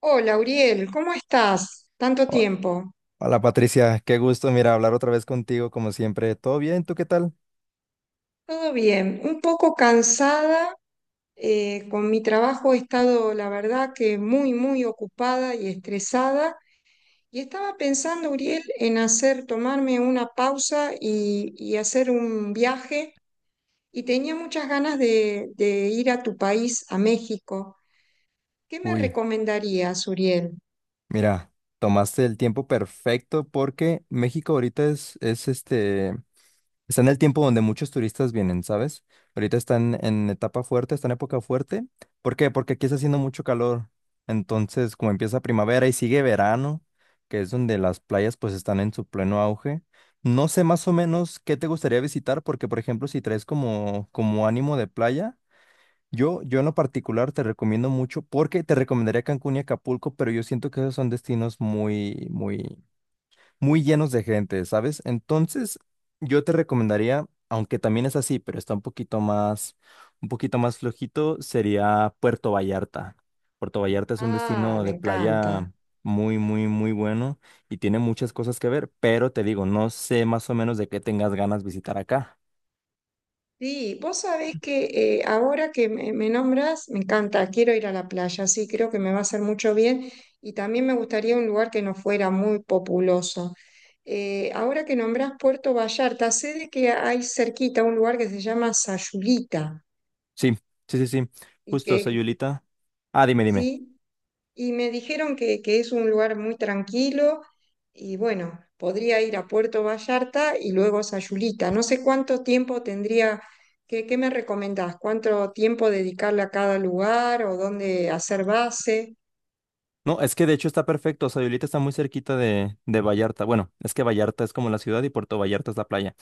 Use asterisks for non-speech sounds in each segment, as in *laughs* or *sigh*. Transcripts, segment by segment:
Hola, Uriel, ¿cómo estás? Tanto Ho- tiempo. Hola Patricia, qué gusto, mira, hablar otra vez contigo como siempre. ¿Todo bien? ¿Tú qué tal? Todo bien, un poco cansada. Con mi trabajo he estado, la verdad, que muy, muy ocupada y estresada. Y estaba pensando, Uriel, en hacer, tomarme una pausa y hacer un viaje. Y tenía muchas ganas de ir a tu país, a México. ¿Qué me Uy, recomendarías, Uriel? mira, tomaste el tiempo perfecto porque México ahorita es, está en el tiempo donde muchos turistas vienen, ¿sabes? Ahorita están en etapa fuerte, está en época fuerte. ¿Por qué? Porque aquí está haciendo mucho calor. Entonces, como empieza primavera y sigue verano, que es donde las playas pues están en su pleno auge. No sé más o menos qué te gustaría visitar, porque por ejemplo, si traes como ánimo de playa. Yo en lo particular te recomiendo mucho porque te recomendaría Cancún y Acapulco, pero yo siento que esos son destinos muy, muy, muy llenos de gente, ¿sabes? Entonces, yo te recomendaría, aunque también es así, pero está un poquito más flojito, sería Puerto Vallarta. Puerto Vallarta es un Ah, destino me de encanta. playa muy, muy, muy bueno y tiene muchas cosas que ver, pero te digo, no sé más o menos de qué tengas ganas visitar acá. Sí, vos sabés que ahora que me nombras, me encanta, quiero ir a la playa, sí, creo que me va a hacer mucho bien y también me gustaría un lugar que no fuera muy populoso. Ahora que nombrás Puerto Vallarta, sé de que hay cerquita un lugar que se llama Sayulita Sí, sí, sí, sí. y Justo, que, Sayulita. Ah, dime, dime. sí, y me dijeron que es un lugar muy tranquilo y bueno, podría ir a Puerto Vallarta y luego a Sayulita. No sé cuánto tiempo tendría, qué me recomendás? ¿Cuánto tiempo dedicarle a cada lugar o dónde hacer base? No, es que de hecho está perfecto. O sea, Violeta está muy cerquita de Vallarta. Bueno, es que Vallarta es como la ciudad y Puerto Vallarta es la playa.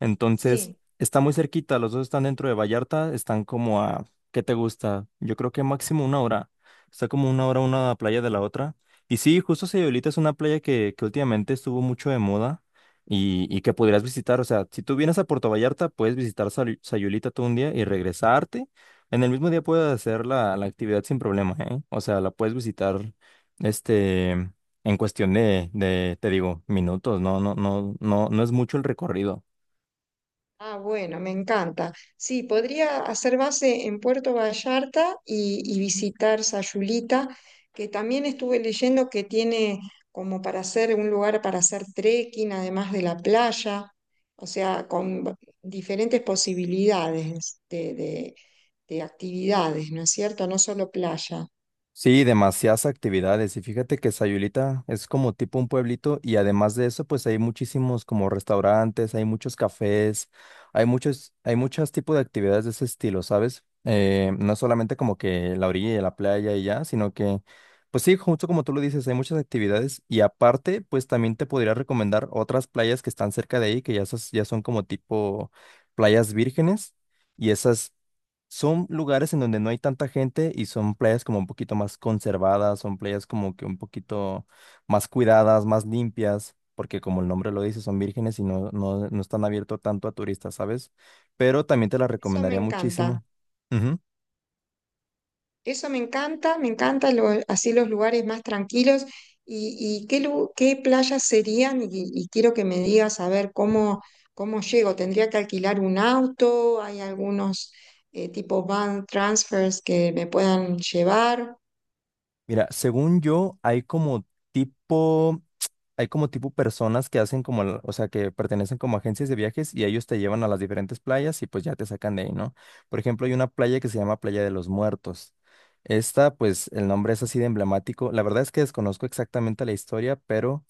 Entonces, Sí. está muy cerquita, los dos están dentro de Vallarta, están como a, ¿qué te gusta? Yo creo que máximo una hora. Está como una hora una playa de la otra. Y sí, justo Sayulita es una playa que últimamente estuvo mucho de moda y que podrías visitar. O sea, si tú vienes a Puerto Vallarta, puedes visitar Sayulita todo un día y regresarte. En el mismo día puedes hacer la actividad sin problema, ¿eh? O sea, la puedes visitar, en cuestión de, te digo, minutos. No, no, no, no, no es mucho el recorrido. Ah, bueno, me encanta. Sí, podría hacer base en Puerto Vallarta y visitar Sayulita, que también estuve leyendo que tiene como para hacer un lugar para hacer trekking, además de la playa, o sea, diferentes posibilidades de actividades, ¿no es cierto? No solo playa. Sí, demasiadas actividades. Y fíjate que Sayulita es como tipo un pueblito y además de eso, pues hay muchísimos como restaurantes, hay muchos cafés, hay muchos tipos de actividades de ese estilo, ¿sabes? No es solamente como que la orilla de la playa y ya, sino que, pues sí, justo como tú lo dices, hay muchas actividades y aparte, pues también te podría recomendar otras playas que están cerca de ahí, que ya, esas ya son como tipo playas vírgenes. Y esas son lugares en donde no hay tanta gente y son playas como un poquito más conservadas, son playas como que un poquito más cuidadas, más limpias, porque como el nombre lo dice, son vírgenes y no, no, no están abiertos tanto a turistas, ¿sabes? Pero también te las Eso me recomendaría encanta. muchísimo. Ujú. Eso me encanta así los lugares más tranquilos. ¿Y, qué playas serían? Y quiero que me digas a ver cómo, cómo llego. ¿Tendría que alquilar un auto? ¿Hay algunos tipo van transfers que me puedan llevar? Mira, según yo, tipo hay como tipo personas que hacen como, o sea, que pertenecen como agencias de viajes y ellos te llevan a las diferentes playas y pues ya te sacan de ahí, ¿no? Por ejemplo, hay una playa que se llama Playa de los Muertos. Esta, pues el nombre es así de emblemático. La verdad es que desconozco exactamente la historia, pero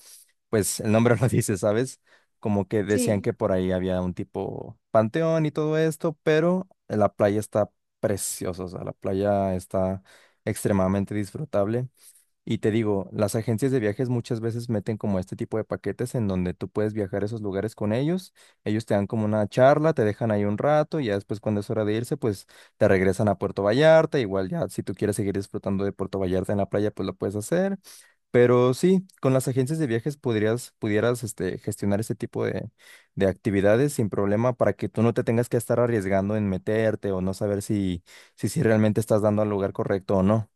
pues el nombre *laughs* lo dice, ¿sabes? Como que decían Sí. que por ahí había un tipo panteón y todo esto, pero la playa está preciosa, o sea, la playa está extremadamente disfrutable. Y te digo, las agencias de viajes muchas veces meten como este tipo de paquetes en donde tú puedes viajar a esos lugares con ellos, ellos te dan como una charla, te dejan ahí un rato y ya después cuando es hora de irse, pues te regresan a Puerto Vallarta, igual ya si tú quieres seguir disfrutando de Puerto Vallarta en la playa, pues lo puedes hacer, pero sí, con las agencias de viajes podrías, pudieras gestionar este tipo de actividades sin problema para que tú no te tengas que estar arriesgando en meterte o no saber si, si realmente estás dando al lugar correcto o no.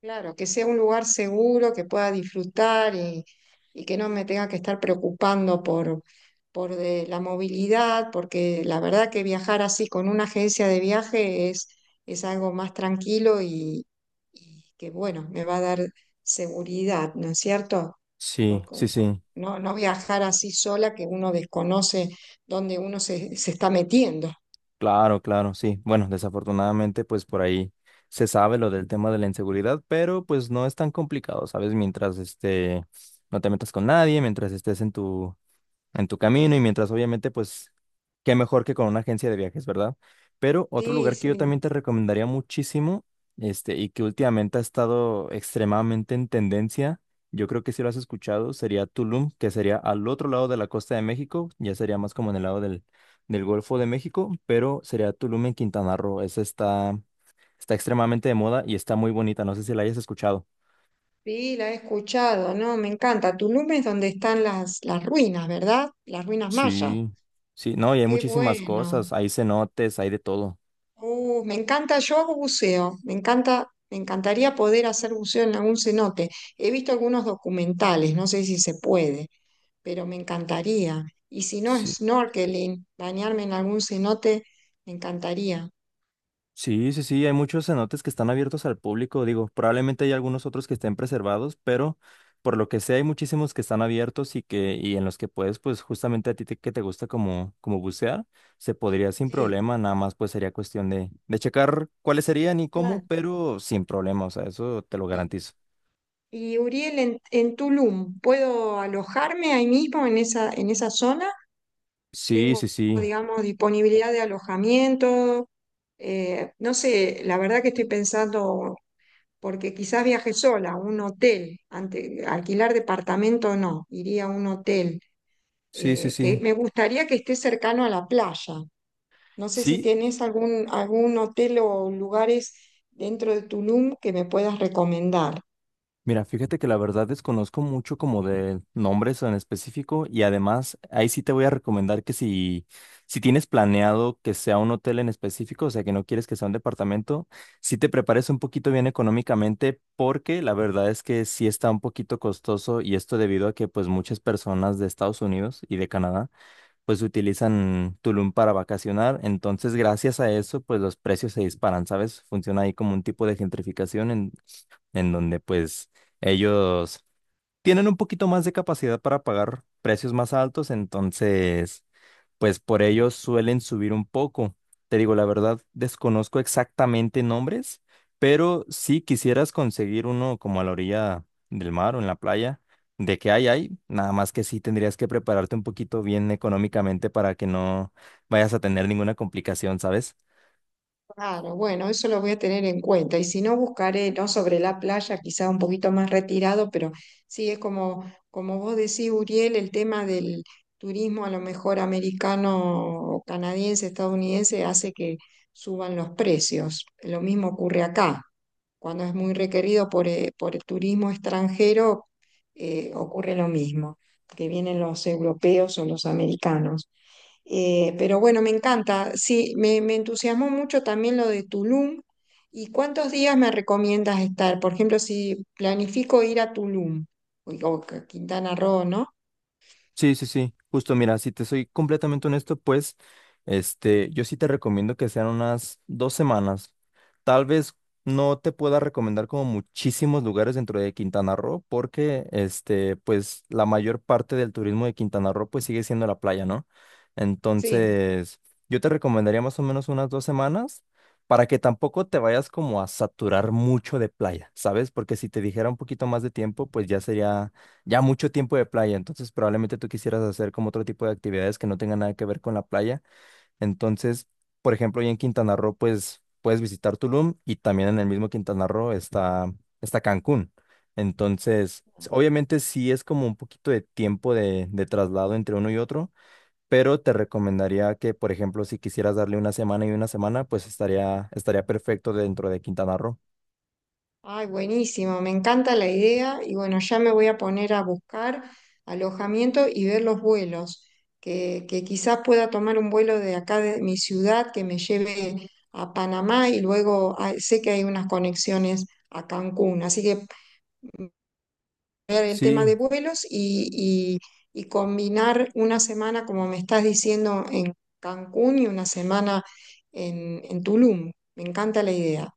Claro, que sea un lugar seguro, que pueda disfrutar y que no me tenga que estar preocupando por, de la movilidad, porque la verdad que viajar así con una agencia de viaje es algo más tranquilo y que bueno, me va a dar seguridad, ¿no es cierto? Sí, sí, sí. No, no viajar así sola que uno desconoce dónde uno se está metiendo. Claro, claro, sí. Bueno, desafortunadamente, pues por ahí se sabe lo del tema de la inseguridad, pero pues no es tan complicado, ¿sabes? Mientras no te metas con nadie, mientras estés en tu camino y mientras obviamente pues qué mejor que con una agencia de viajes, ¿verdad? Pero otro Sí, lugar que yo sí. también te recomendaría muchísimo, y que últimamente ha estado extremadamente en tendencia, yo creo que si lo has escuchado, sería Tulum, que sería al otro lado de la costa de México, ya sería más como en el lado del Golfo de México, pero sería Tulum en Quintana Roo. Esa está extremadamente de moda y está muy bonita, no sé si la hayas escuchado. Sí, la he escuchado, ¿no? Me encanta. Tulum es donde están las ruinas, ¿verdad? Las ruinas mayas. Sí, sí, no, y hay Qué muchísimas bueno. cosas, hay cenotes, hay de todo. Me encanta, yo hago buceo, me encanta, me encantaría poder hacer buceo en algún cenote. He visto algunos documentales, no sé si se puede, pero me encantaría. Y si no, Sí. snorkeling, bañarme en algún cenote, me encantaría. Sí, sí, sí, hay muchos cenotes que están abiertos al público, digo, probablemente hay algunos otros que estén preservados, pero por lo que sé hay muchísimos que están abiertos y que y en los que puedes pues justamente a ti que te gusta como bucear, se podría sin Sí, problema, nada más pues sería cuestión de checar cuáles serían y cómo, claro. pero sin problema, o sea, eso te lo Y, garantizo. y Uriel, en Tulum, ¿puedo alojarme ahí mismo en en esa zona? Sí, Tengo, sí, sí. digamos, disponibilidad de alojamiento. No sé, la verdad que estoy pensando, porque quizás viaje sola, a un hotel, ante, alquilar departamento no, iría a un hotel, Sí, sí, que sí. me gustaría que esté cercano a la playa. No sé si Sí, tenés algún, algún hotel o lugares dentro de Tulum que me puedas recomendar. mira, fíjate que la verdad desconozco mucho como de nombres en específico y además ahí sí te voy a recomendar que si tienes planeado que sea un hotel en específico, o sea que no quieres que sea un departamento, sí te prepares un poquito bien económicamente porque la verdad es que sí está un poquito costoso y esto debido a que pues muchas personas de Estados Unidos y de Canadá pues utilizan Tulum para vacacionar, entonces gracias a eso pues los precios se disparan, ¿sabes? Funciona ahí como un tipo de gentrificación en donde pues ellos tienen un poquito más de capacidad para pagar precios más altos, entonces pues por ellos suelen subir un poco. Te digo, la verdad, desconozco exactamente nombres, pero si quisieras conseguir uno como a la orilla del mar o en la playa, de que hay, nada más que sí tendrías que prepararte un poquito bien económicamente para que no vayas a tener ninguna complicación, ¿sabes? Claro, bueno, eso lo voy a tener en cuenta. Y si no, buscaré, no sobre la playa, quizá un poquito más retirado, pero sí es como, como vos decís, Uriel, el tema del turismo a lo mejor americano, o canadiense, estadounidense, hace que suban los precios. Lo mismo ocurre acá. Cuando es muy requerido por el turismo extranjero, ocurre lo mismo, que vienen los europeos o los americanos. Pero bueno, me encanta. Sí, me entusiasmó mucho también lo de Tulum. ¿Y cuántos días me recomiendas estar? Por ejemplo, si planifico ir a Tulum o a Quintana Roo, ¿no? Sí, sí, sí, justo mira, si te soy completamente honesto, pues yo sí te recomiendo que sean unas 2 semanas. Tal vez no te pueda recomendar como muchísimos lugares dentro de Quintana Roo, porque pues la mayor parte del turismo de Quintana Roo pues sigue siendo la playa, ¿no? Sí. Entonces, yo te recomendaría más o menos unas 2 semanas para que tampoco te vayas como a saturar mucho de playa, ¿sabes? Porque si te dijera un poquito más de tiempo, pues ya sería ya mucho tiempo de playa, entonces probablemente tú quisieras hacer como otro tipo de actividades que no tengan nada que ver con la playa. Entonces, por ejemplo, ya en Quintana Roo, pues puedes visitar Tulum y también en el mismo Quintana Roo está Cancún. Entonces, obviamente sí es como un poquito de tiempo de traslado entre uno y otro, pero te recomendaría que, por ejemplo, si quisieras darle una semana y una semana, pues estaría perfecto dentro de Quintana Roo. Ay, buenísimo. Me encanta la idea. Y bueno, ya me voy a poner a buscar alojamiento y ver los vuelos. Que quizás pueda tomar un vuelo de acá de mi ciudad que me lleve a Panamá y luego ah, sé que hay unas conexiones a Cancún. Así que. El tema Sí. de vuelos y combinar una semana, como me estás diciendo, en Cancún y una semana en Tulum. Me encanta la idea.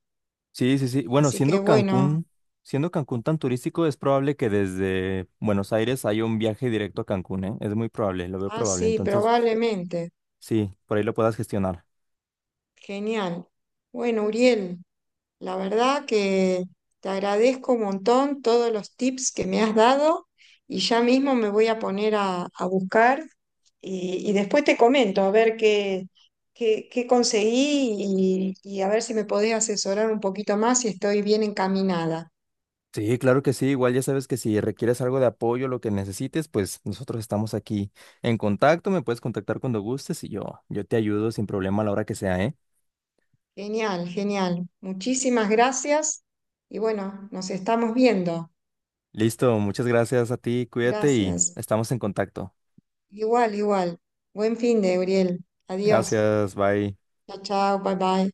Sí, sí, sí. Bueno, Así que siendo bueno, Cancún, siendo Cancún tan turístico, es probable que desde Buenos Aires haya un viaje directo a Cancún, ¿eh? Es muy probable, lo veo ah, probable. sí, Entonces, probablemente. sí, por ahí lo puedas gestionar. Genial. Bueno, Uriel, la verdad que te agradezco un montón todos los tips que me has dado y ya mismo me voy a poner a buscar y después te comento a ver qué conseguí y a ver si me podés asesorar un poquito más si estoy bien encaminada. Sí, claro que sí. Igual ya sabes que si requieres algo de apoyo, lo que necesites, pues nosotros estamos aquí en contacto. Me puedes contactar cuando gustes y yo te ayudo sin problema a la hora que sea, ¿eh? Genial, genial. Muchísimas gracias y bueno, nos estamos viendo. Listo, muchas gracias a ti, cuídate y Gracias. estamos en contacto. Igual, igual. Buen fin de, Uriel. Adiós. Gracias, bye. Chao, chao, bye bye.